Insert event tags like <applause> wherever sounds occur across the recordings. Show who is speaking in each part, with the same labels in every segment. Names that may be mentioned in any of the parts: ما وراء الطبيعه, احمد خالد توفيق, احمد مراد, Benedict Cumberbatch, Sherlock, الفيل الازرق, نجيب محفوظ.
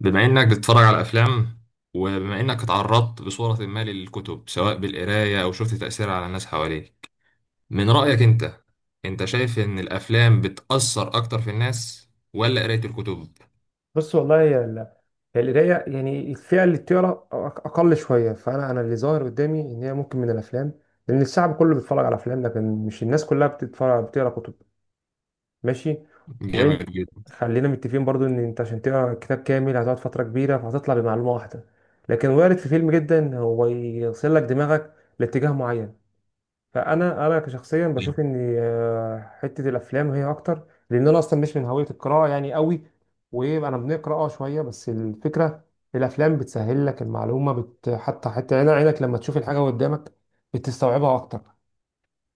Speaker 1: بما إنك بتتفرج على أفلام وبما إنك اتعرضت بصورة ما للكتب سواء بالقراية أو شفت تأثيرها على الناس حواليك من رأيك أنت، أنت شايف إن الأفلام بتأثر أكتر في الناس ولا قراية الكتب؟
Speaker 2: بص، والله هي هي القراية، يعني الفئة اللي بتقرا أقل شوية. فأنا أنا اللي ظاهر قدامي إن هي ممكن من الأفلام، لأن الشعب كله بيتفرج على أفلام لكن مش الناس كلها بتتفرج بتقرا كتب. ماشي. وأنت
Speaker 1: جامد جدا.
Speaker 2: خلينا متفقين برضو إن أنت عشان تقرا كتاب كامل هتقعد فترة كبيرة فهتطلع بمعلومة واحدة، لكن وارد في فيلم جدا هو يغسل لك دماغك لاتجاه معين. فانا كشخصيا بشوف ان حته الافلام هي اكتر، لان انا اصلا مش من هويه القراءه يعني قوي. وانا بنقرا اه شويه بس الفكره، الافلام بتسهل لك المعلومه، حتى عينك لما تشوف الحاجه قدامك بتستوعبها اكتر.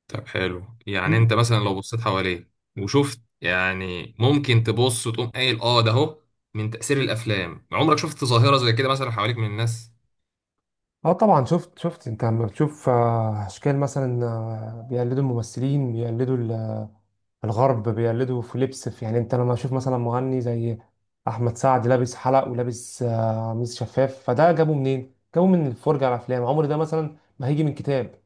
Speaker 1: طب حلو، يعني
Speaker 2: مم.
Speaker 1: أنت مثلا لو بصيت حواليك وشفت يعني ممكن تبص وتقوم قايل آه ده أهو من تأثير الأفلام، عمرك شفت ظاهرة زي كده مثلا حواليك من الناس؟
Speaker 2: اه طبعا، شفت. انت لما بتشوف اشكال مثلا، بيقلدوا الممثلين، بيقلدوا الغرب، بيقلدوا في لبس، في يعني. انت لما تشوف مثلا مغني زي احمد سعد لابس حلق ولابس قميص شفاف، فده جابه منين؟ جابه من الفرجه على افلام، عمر ده مثلا ما هيجي من كتاب.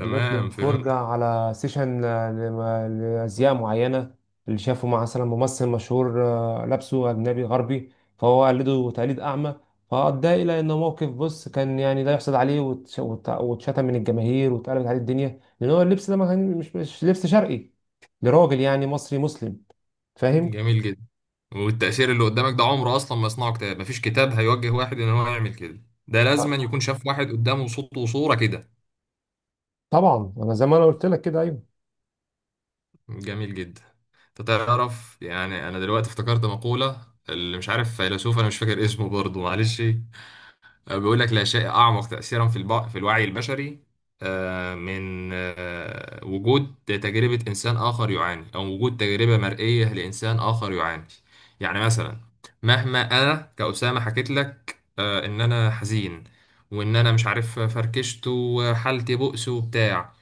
Speaker 2: دي جت من فرجة
Speaker 1: فهمت.
Speaker 2: على سيشن لأزياء معينة، اللي شافه مع مثلا ممثل مشهور لابسه أجنبي غربي، فهو قلده تقليد أعمى. فأدى إلى إنه موقف بص كان يعني لا يحسد عليه، واتشتم من الجماهير واتقلبت عليه الدنيا، لأن هو اللبس ده ما كان مش لبس شرقي لراجل يعني مصري مسلم. فاهم؟
Speaker 1: جميل جدا. والتأثير اللي قدامك ده عمره أصلا ما يصنعه كتاب، مفيش كتاب هيوجه واحد إن هو يعمل كده، ده لازما
Speaker 2: آه،
Speaker 1: يكون شاف واحد قدامه صوت وصورة كده.
Speaker 2: طبعا. أنا زي ما أنا قلت لك كده، أيوه.
Speaker 1: جميل جدا. أنت تعرف، يعني أنا دلوقتي افتكرت مقولة اللي مش عارف فيلسوف أنا مش فاكر اسمه برضه، معلش. بيقول لك لا شيء أعمق تأثيرا في الوعي البشري من وجود تجربة إنسان آخر يعاني أو وجود تجربة مرئية لإنسان آخر يعاني. يعني مثلا مهما أنا كأسامة حكيت لك، إن أنا حزين وإن أنا مش عارف فركشت وحالتي بؤس وبتاع.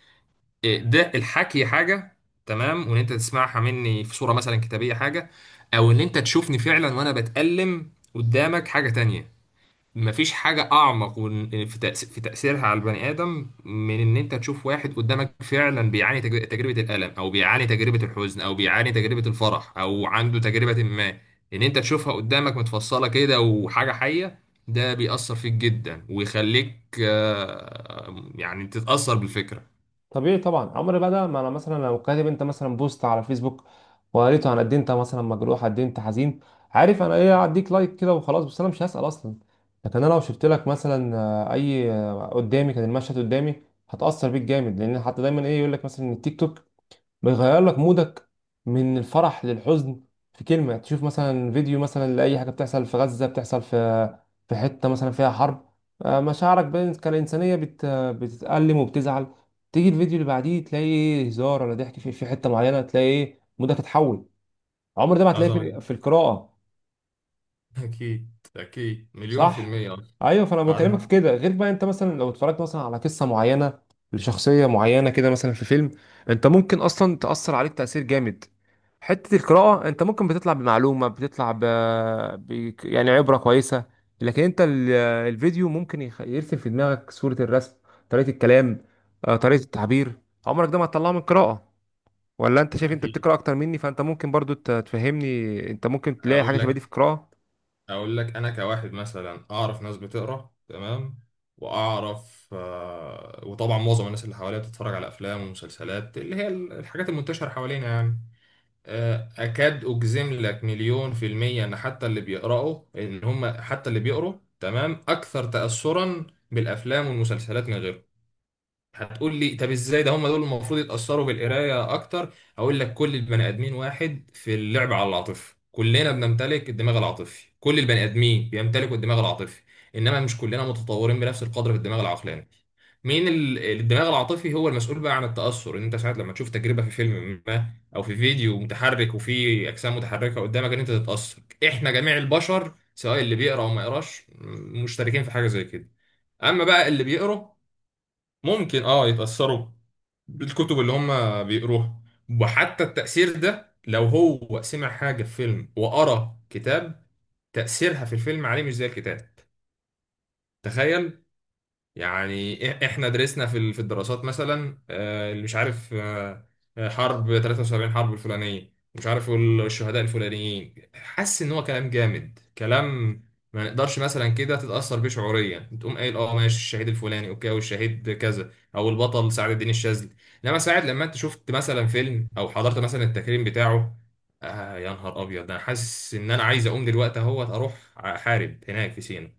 Speaker 1: ده الحكي حاجة، تمام، وإن أنت تسمعها مني في صورة مثلا كتابية حاجة، أو إن أنت تشوفني فعلا وأنا بتألم قدامك حاجة تانية. مفيش حاجة أعمق في تأثيرها على البني آدم من إن أنت تشوف واحد قدامك فعلا بيعاني تجربة الألم أو بيعاني تجربة الحزن أو بيعاني تجربة الفرح أو عنده تجربة ما، إن أنت تشوفها قدامك متفصلة كده وحاجة حية. ده بيأثر فيك جدا ويخليك يعني تتأثر بالفكرة.
Speaker 2: طبيعي طبعا، عمر بقى ده ما. انا مثلا لو كاتب انت مثلا بوست على فيسبوك وقريته عن قد إيه انت مثلا مجروح، قد إيه انت حزين، عارف انا ايه؟ هديك لايك كده وخلاص، بس انا مش هسأل اصلا. لكن انا لو شفت لك مثلا آه، اي آه، قدامي، كان المشهد قدامي، هتأثر بيك جامد. لان حتى دايما ايه يقول لك مثلا إن التيك توك بيغير لك مودك من الفرح للحزن في كلمة. تشوف مثلا فيديو مثلا لأي حاجة بتحصل في غزة، بتحصل في حتة مثلا فيها حرب، مشاعرك كالإنسانية بتتألم وبتزعل. تيجي الفيديو اللي بعديه تلاقي إيه، هزار ولا ضحك في حتة معينة، تلاقي إيه، مودك اتحول. عمر ده ما هتلاقيه
Speaker 1: عظمة جدا.
Speaker 2: في القراءة.
Speaker 1: أكيد، أكيد مليون في
Speaker 2: صح.
Speaker 1: المية.
Speaker 2: ايوه. فانا بكلمك
Speaker 1: عظمة.
Speaker 2: في كده. غير بقى انت مثلا لو اتفرجت مثلا على قصه معينه لشخصيه معينه كده مثلا في فيلم، انت ممكن اصلا تاثر عليك تاثير جامد. حته القراءه انت ممكن بتطلع بمعلومه، بتطلع يعني عبره كويسه. لكن انت الفيديو ممكن يرسم في دماغك صوره، الرسم، طريقه الكلام، طريقه التعبير، عمرك ده ما هتطلعه من القراءه. ولا انت شايف؟ انت
Speaker 1: أكيد.
Speaker 2: بتقرا اكتر مني فانت ممكن برضو تفهمني، انت ممكن تلاقي حاجه
Speaker 1: أقول
Speaker 2: شبه دي
Speaker 1: لك،
Speaker 2: في القراءه.
Speaker 1: اقول لك انا كواحد مثلا اعرف ناس بتقرا، تمام، واعرف وطبعا معظم الناس اللي حواليا بتتفرج على افلام ومسلسلات اللي هي الحاجات المنتشره حوالينا يعني. اكاد اجزم لك مليون في الميه ان حتى اللي بيقراوا ان هم حتى اللي بيقروا، تمام، اكثر تاثرا بالافلام والمسلسلات من غيرهم. هتقول لي طب ازاي ده، هم دول المفروض يتأثروا بالقراية اكتر. اقول لك كل البني ادمين واحد في اللعب على العاطفة، كلنا بنمتلك الدماغ العاطفي، كل البني ادمين بيمتلكوا الدماغ العاطفي، انما مش كلنا متطورين بنفس القدر في الدماغ العقلاني. مين الدماغ العاطفي هو المسؤول بقى عن التأثر ان انت ساعات لما تشوف تجربة في فيلم ما او في فيديو متحرك وفي اجسام متحركة قدامك ان انت تتأثر. احنا جميع البشر سواء اللي بيقرا او ما يقراش مشتركين في حاجة زي كده. اما بقى اللي بيقرا ممكن اه يتأثروا بالكتب اللي هم بيقروها. وحتى التأثير ده لو هو سمع حاجة في فيلم وقرأ كتاب، تأثيرها في الفيلم عليه مش زي الكتاب. تخيل. يعني احنا درسنا في الدراسات مثلا، اللي مش عارف حرب 73، حرب الفلانيه، مش عارف الشهداء الفلانيين، حاسس ان هو كلام جامد كلام. ما نقدرش مثلا كده تتاثر بيه شعوريا تقوم قايل اه ماشي الشهيد الفلاني اوكي، او الشهيد كذا، او البطل سعد الدين الشاذلي. انما ساعد لما انت شفت مثلا فيلم او حضرت مثلا التكريم بتاعه، آه يا نهار ابيض انا حاسس ان انا عايز اقوم دلوقتي اهوت اروح احارب هناك في سينا.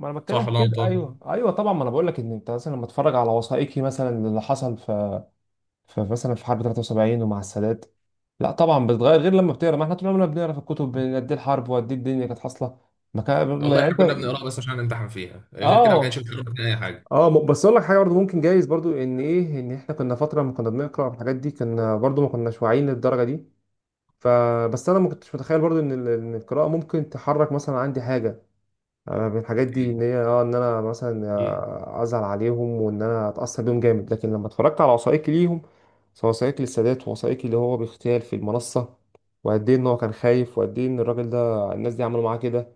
Speaker 2: ما انا
Speaker 1: صح
Speaker 2: بتكلم في
Speaker 1: ولا أنا
Speaker 2: كده. ايوه
Speaker 1: غلطان؟
Speaker 2: ايوه طبعا. ما انا بقول لك ان انت مثلا لما اتفرج على وثائقي مثلا اللي حصل في مثلا في حرب 73 ومع السادات. لا طبعا بتتغير، غير لما بتقرا. ما احنا طول عمرنا بنقرا في الكتب بين قد إيه الحرب وقد إيه الدنيا كانت حاصله، ما كان ما
Speaker 1: والله
Speaker 2: يعني
Speaker 1: احنا
Speaker 2: انت.
Speaker 1: كنا بنقراها بس عشان نمتحن فيها، غير كده ما كانش
Speaker 2: اه
Speaker 1: بيشرح لنا اي حاجه.
Speaker 2: اه. بس اقول لك حاجه برضه، ممكن جايز برضه ان ايه ان احنا كنا فتره ما كنا بنقرا على الحاجات دي، كنا برضه ما كناش واعيين للدرجه دي. فبس انا ما كنتش متخيل برضه ان إن القراءه ممكن تحرك مثلا عندي حاجه. أنا من الحاجات دي
Speaker 1: اوكي.
Speaker 2: ان هي اه ان انا مثلا
Speaker 1: ايه.
Speaker 2: ازعل عليهم وان انا اتاثر بيهم جامد، لكن لما اتفرجت على وثائقي ليهم، سواء وثائقي للسادات ووثائقي اللي هو باغتيال في المنصه، وقد ايه ان هو كان خايف، وقد ايه ان الراجل ده الناس دي عملوا معاه كده،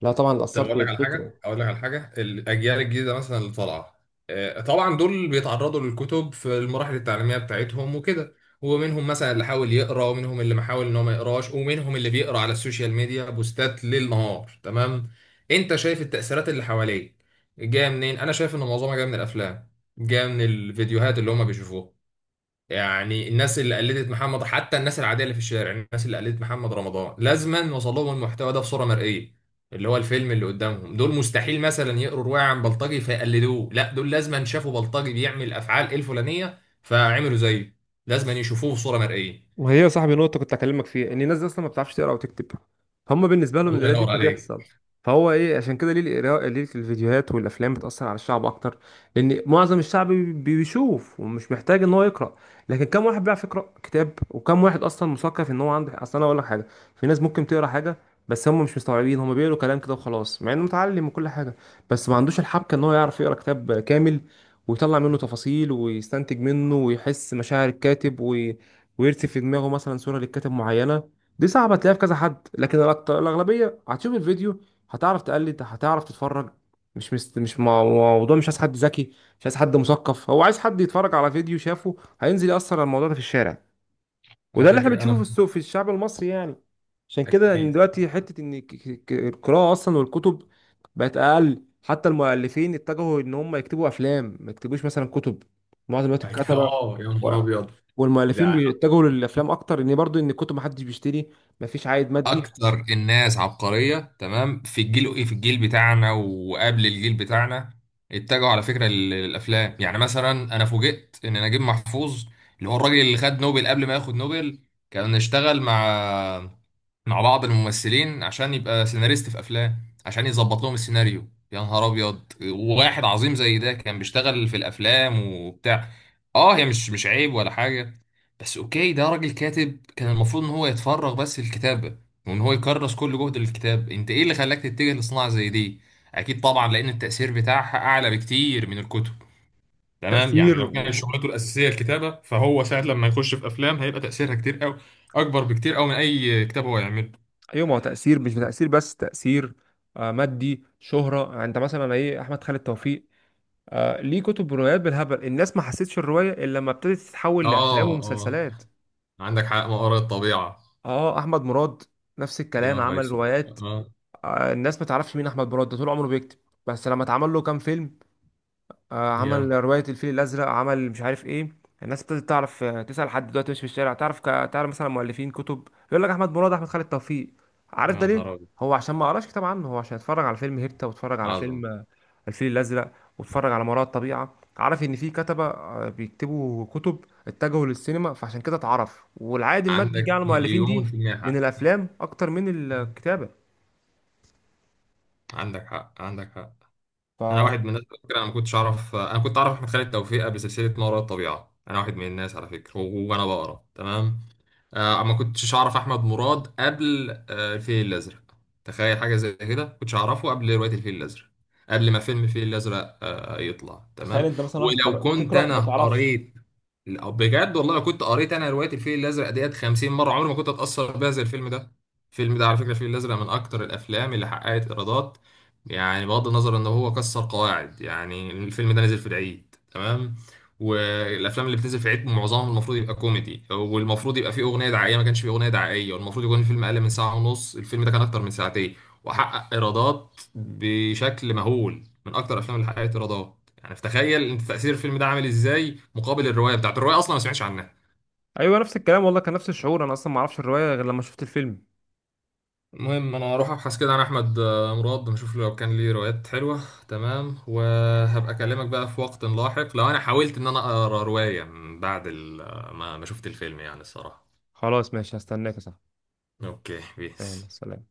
Speaker 2: لا طبعا
Speaker 1: طب
Speaker 2: اتاثرت
Speaker 1: اقول لك على حاجه،
Speaker 2: بالفكره.
Speaker 1: اقول لك على حاجه الاجيال الجديده مثلا اللي طالعه، طبعا دول بيتعرضوا للكتب في المراحل التعليميه بتاعتهم وكده، ومنهم مثلا اللي حاول يقرا، ومنهم اللي ما حاول ان هو ما يقراش، ومنهم اللي بيقرا على السوشيال ميديا بوستات ليل نهار، تمام. انت شايف التاثيرات اللي حواليك جايه منين؟ انا شايف ان معظمها جايه من الافلام، جايه من الفيديوهات اللي هم بيشوفوها. يعني الناس اللي قلدت محمد، حتى الناس العاديه اللي في الشارع، الناس اللي قلدت محمد رمضان لازما وصل لهم المحتوى ده بصوره مرئيه، اللي هو الفيلم اللي قدامهم. دول مستحيل مثلا يقروا روايه عن بلطجي فيقلدوه، لا دول لازما شافوا بلطجي بيعمل افعال الفلانيه فعملوا زيه، لازما يشوفوه بصوره مرئيه.
Speaker 2: ما هي يا صاحبي نقطة كنت أكلمك فيها إن الناس دي أصلا ما بتعرفش تقرأ وتكتب. هما بالنسبة لهم
Speaker 1: الله
Speaker 2: القراية دي
Speaker 1: ينور عليك.
Speaker 2: بتحصل. فهو إيه عشان كده ليه القراءة، ليه الفيديوهات والأفلام بتأثر على الشعب أكتر؟ لأن معظم الشعب بيشوف ومش محتاج إن هو يقرأ. لكن كم واحد بيعرف يقرأ كتاب؟ وكم واحد أصلا مثقف إن هو عنده أصل؟ أنا أقول لك حاجة، في ناس ممكن تقرأ حاجة بس هم مش مستوعبين، هم بيقولوا كلام كده وخلاص مع إنه متعلم وكل حاجة، بس ما عندوش الحبكة إن هو يعرف يقرأ كتاب كامل ويطلع منه تفاصيل ويستنتج منه ويحس مشاعر الكاتب ويرسم في دماغه مثلا صوره للكاتب معينه. دي صعبه تلاقيها في كذا حد، لكن الاغلبيه هتشوف الفيديو، هتعرف تقلد، هتعرف تتفرج. مش مست... مش مع- موضوع مش عايز حد ذكي، مش عايز حد مثقف، هو عايز حد يتفرج على فيديو شافه هينزل يأثر على الموضوع ده في الشارع.
Speaker 1: على
Speaker 2: وده اللي احنا
Speaker 1: فكره
Speaker 2: بنشوفه في
Speaker 1: انا.
Speaker 2: السوق، في الشعب المصري يعني. عشان كده ان
Speaker 1: اكيد <laughs>
Speaker 2: دلوقتي حته ان القراءه اصلا والكتب بقت اقل. حتى المؤلفين اتجهوا ان هم يكتبوا افلام، ما يكتبوش مثلا كتب معظم الوقت الكتبه.
Speaker 1: اه يا
Speaker 2: و-
Speaker 1: نهار ابيض.
Speaker 2: والمؤلفين
Speaker 1: ده
Speaker 2: بيتجهوا للافلام اكتر، ان برضو ان الكتب محدش بيشتري، مفيش عائد مادي.
Speaker 1: اكتر الناس عبقريه، تمام، في الجيل ايه، في الجيل بتاعنا وقبل الجيل بتاعنا اتجهوا على فكره للافلام. يعني مثلا انا فوجئت ان نجيب محفوظ اللي هو الراجل اللي خد نوبل، قبل ما ياخد نوبل كان اشتغل مع بعض الممثلين عشان يبقى سيناريست في افلام، عشان يظبط لهم السيناريو. يا نهار ابيض، وواحد عظيم زي ده كان بيشتغل في الافلام وبتاع. اه هي مش عيب ولا حاجه، بس اوكي ده راجل كاتب كان المفروض ان هو يتفرغ بس للكتابه وان هو يكرس كل جهده للكتاب. انت ايه اللي خلاك تتجه لصناعه زي دي؟ اكيد طبعا لان التاثير بتاعها اعلى بكتير من الكتب. تمام، يعني
Speaker 2: تاثير
Speaker 1: لو كان
Speaker 2: و...
Speaker 1: شغلته الاساسيه الكتابه فهو ساعه لما يخش في افلام هيبقى تاثيرها كتير قوي، اكبر بكتير قوي من اي كتاب هو يعمله.
Speaker 2: ايوه، ما هو تاثير، مش تاثير بس، تاثير مادي، شهره. يعني انت مثلا ايه، احمد خالد توفيق، آه، ليه كتب روايات بالهبل، الناس ما حسيتش الرواية إلا لما ابتدت تتحول لأفلام
Speaker 1: اه، اه،
Speaker 2: ومسلسلات.
Speaker 1: عندك حق، مقر الطبيعة.
Speaker 2: اه، أحمد مراد نفس
Speaker 1: يا
Speaker 2: الكلام،
Speaker 1: نهار
Speaker 2: عمل
Speaker 1: اسود.
Speaker 2: روايات.
Speaker 1: اه
Speaker 2: آه الناس ما تعرفش مين أحمد مراد، ده طول عمره بيكتب، بس لما اتعمل له كام فيلم، آه، عمل
Speaker 1: جامد.
Speaker 2: رواية الفيل الأزرق، عمل مش عارف إيه، الناس ابتدت تعرف. تسأل حد دلوقتي مش في الشارع، تعرف تعرف مثلا مؤلفين كتب، يقول لك أحمد مراد، أحمد خالد توفيق. عارف
Speaker 1: يا
Speaker 2: ده
Speaker 1: نهار
Speaker 2: ليه؟
Speaker 1: ابيض.
Speaker 2: هو عشان ما قراش كتاب عنه، هو عشان اتفرج على فيلم هيبتا، واتفرج على
Speaker 1: عظمة.
Speaker 2: فيلم الفيل الازرق، واتفرج على ما وراء الطبيعه. عارف ان في كتبه بيكتبوا كتب، اتجهوا للسينما، فعشان كده اتعرف والعائد المادي جه
Speaker 1: عندك
Speaker 2: على المؤلفين
Speaker 1: مليون
Speaker 2: دي
Speaker 1: في المية
Speaker 2: من
Speaker 1: حق.
Speaker 2: الافلام اكتر من الكتابه.
Speaker 1: عندك حق، عندك حق. انا
Speaker 2: فتخيل.
Speaker 1: واحد من الناس على فكره، انا ما كنتش اعرف، انا كنت اعرف احمد خالد توفيق قبل سلسله ما وراء الطبيعه. انا واحد من الناس على فكره، وانا بقرا، تمام، آه ما كنتش اعرف احمد مراد قبل آه الفيل الازرق. تخيل حاجه زي كده، ما كنتش اعرفه قبل روايه الفيل الازرق، قبل ما فيلم الفيل الازرق آه يطلع، تمام.
Speaker 2: انت مثلا واحد
Speaker 1: ولو كنت
Speaker 2: بتقرا ما
Speaker 1: انا
Speaker 2: تعرفش.
Speaker 1: قريت، لا، بجد والله لو كنت قريت انا روايه الفيل الازرق ديت 50 مره عمري ما كنت اتاثر بيها زي الفيلم ده. الفيلم ده على فكره، الفيل الازرق، من اكتر الافلام اللي حققت ايرادات. يعني بغض النظر ان هو كسر قواعد، يعني الفيلم ده نزل في العيد، تمام، والافلام اللي بتنزل في العيد معظمها المفروض يبقى كوميدي، والمفروض يبقى فيه اغنيه دعائيه، ما كانش فيه اغنيه دعائيه، والمفروض يكون الفيلم اقل من ساعه ونص، الفيلم ده كان اكتر من ساعتين. وحقق ايرادات بشكل مهول، من اكتر الافلام اللي حققت ايرادات. يعني فتخيل انت تاثير الفيلم ده عامل ازاي مقابل الروايه، بتاعت الروايه اصلا ما سمعتش عنها.
Speaker 2: ايوه نفس الكلام والله، كان نفس الشعور، انا اصلا ما اعرفش الروايه غير لما شفت الفيلم.
Speaker 1: المهم انا هروح ابحث كده عن احمد، مراد، نشوف لو كان ليه روايات حلوه، تمام، وهبقى اكلمك بقى في وقت لاحق لو انا حاولت ان انا اقرا روايه من بعد ما شفت الفيلم، يعني الصراحه.
Speaker 2: خلاص ماشي، هستناك يا صاحبي.
Speaker 1: اوكي
Speaker 2: يلا
Speaker 1: بيس.
Speaker 2: سلام.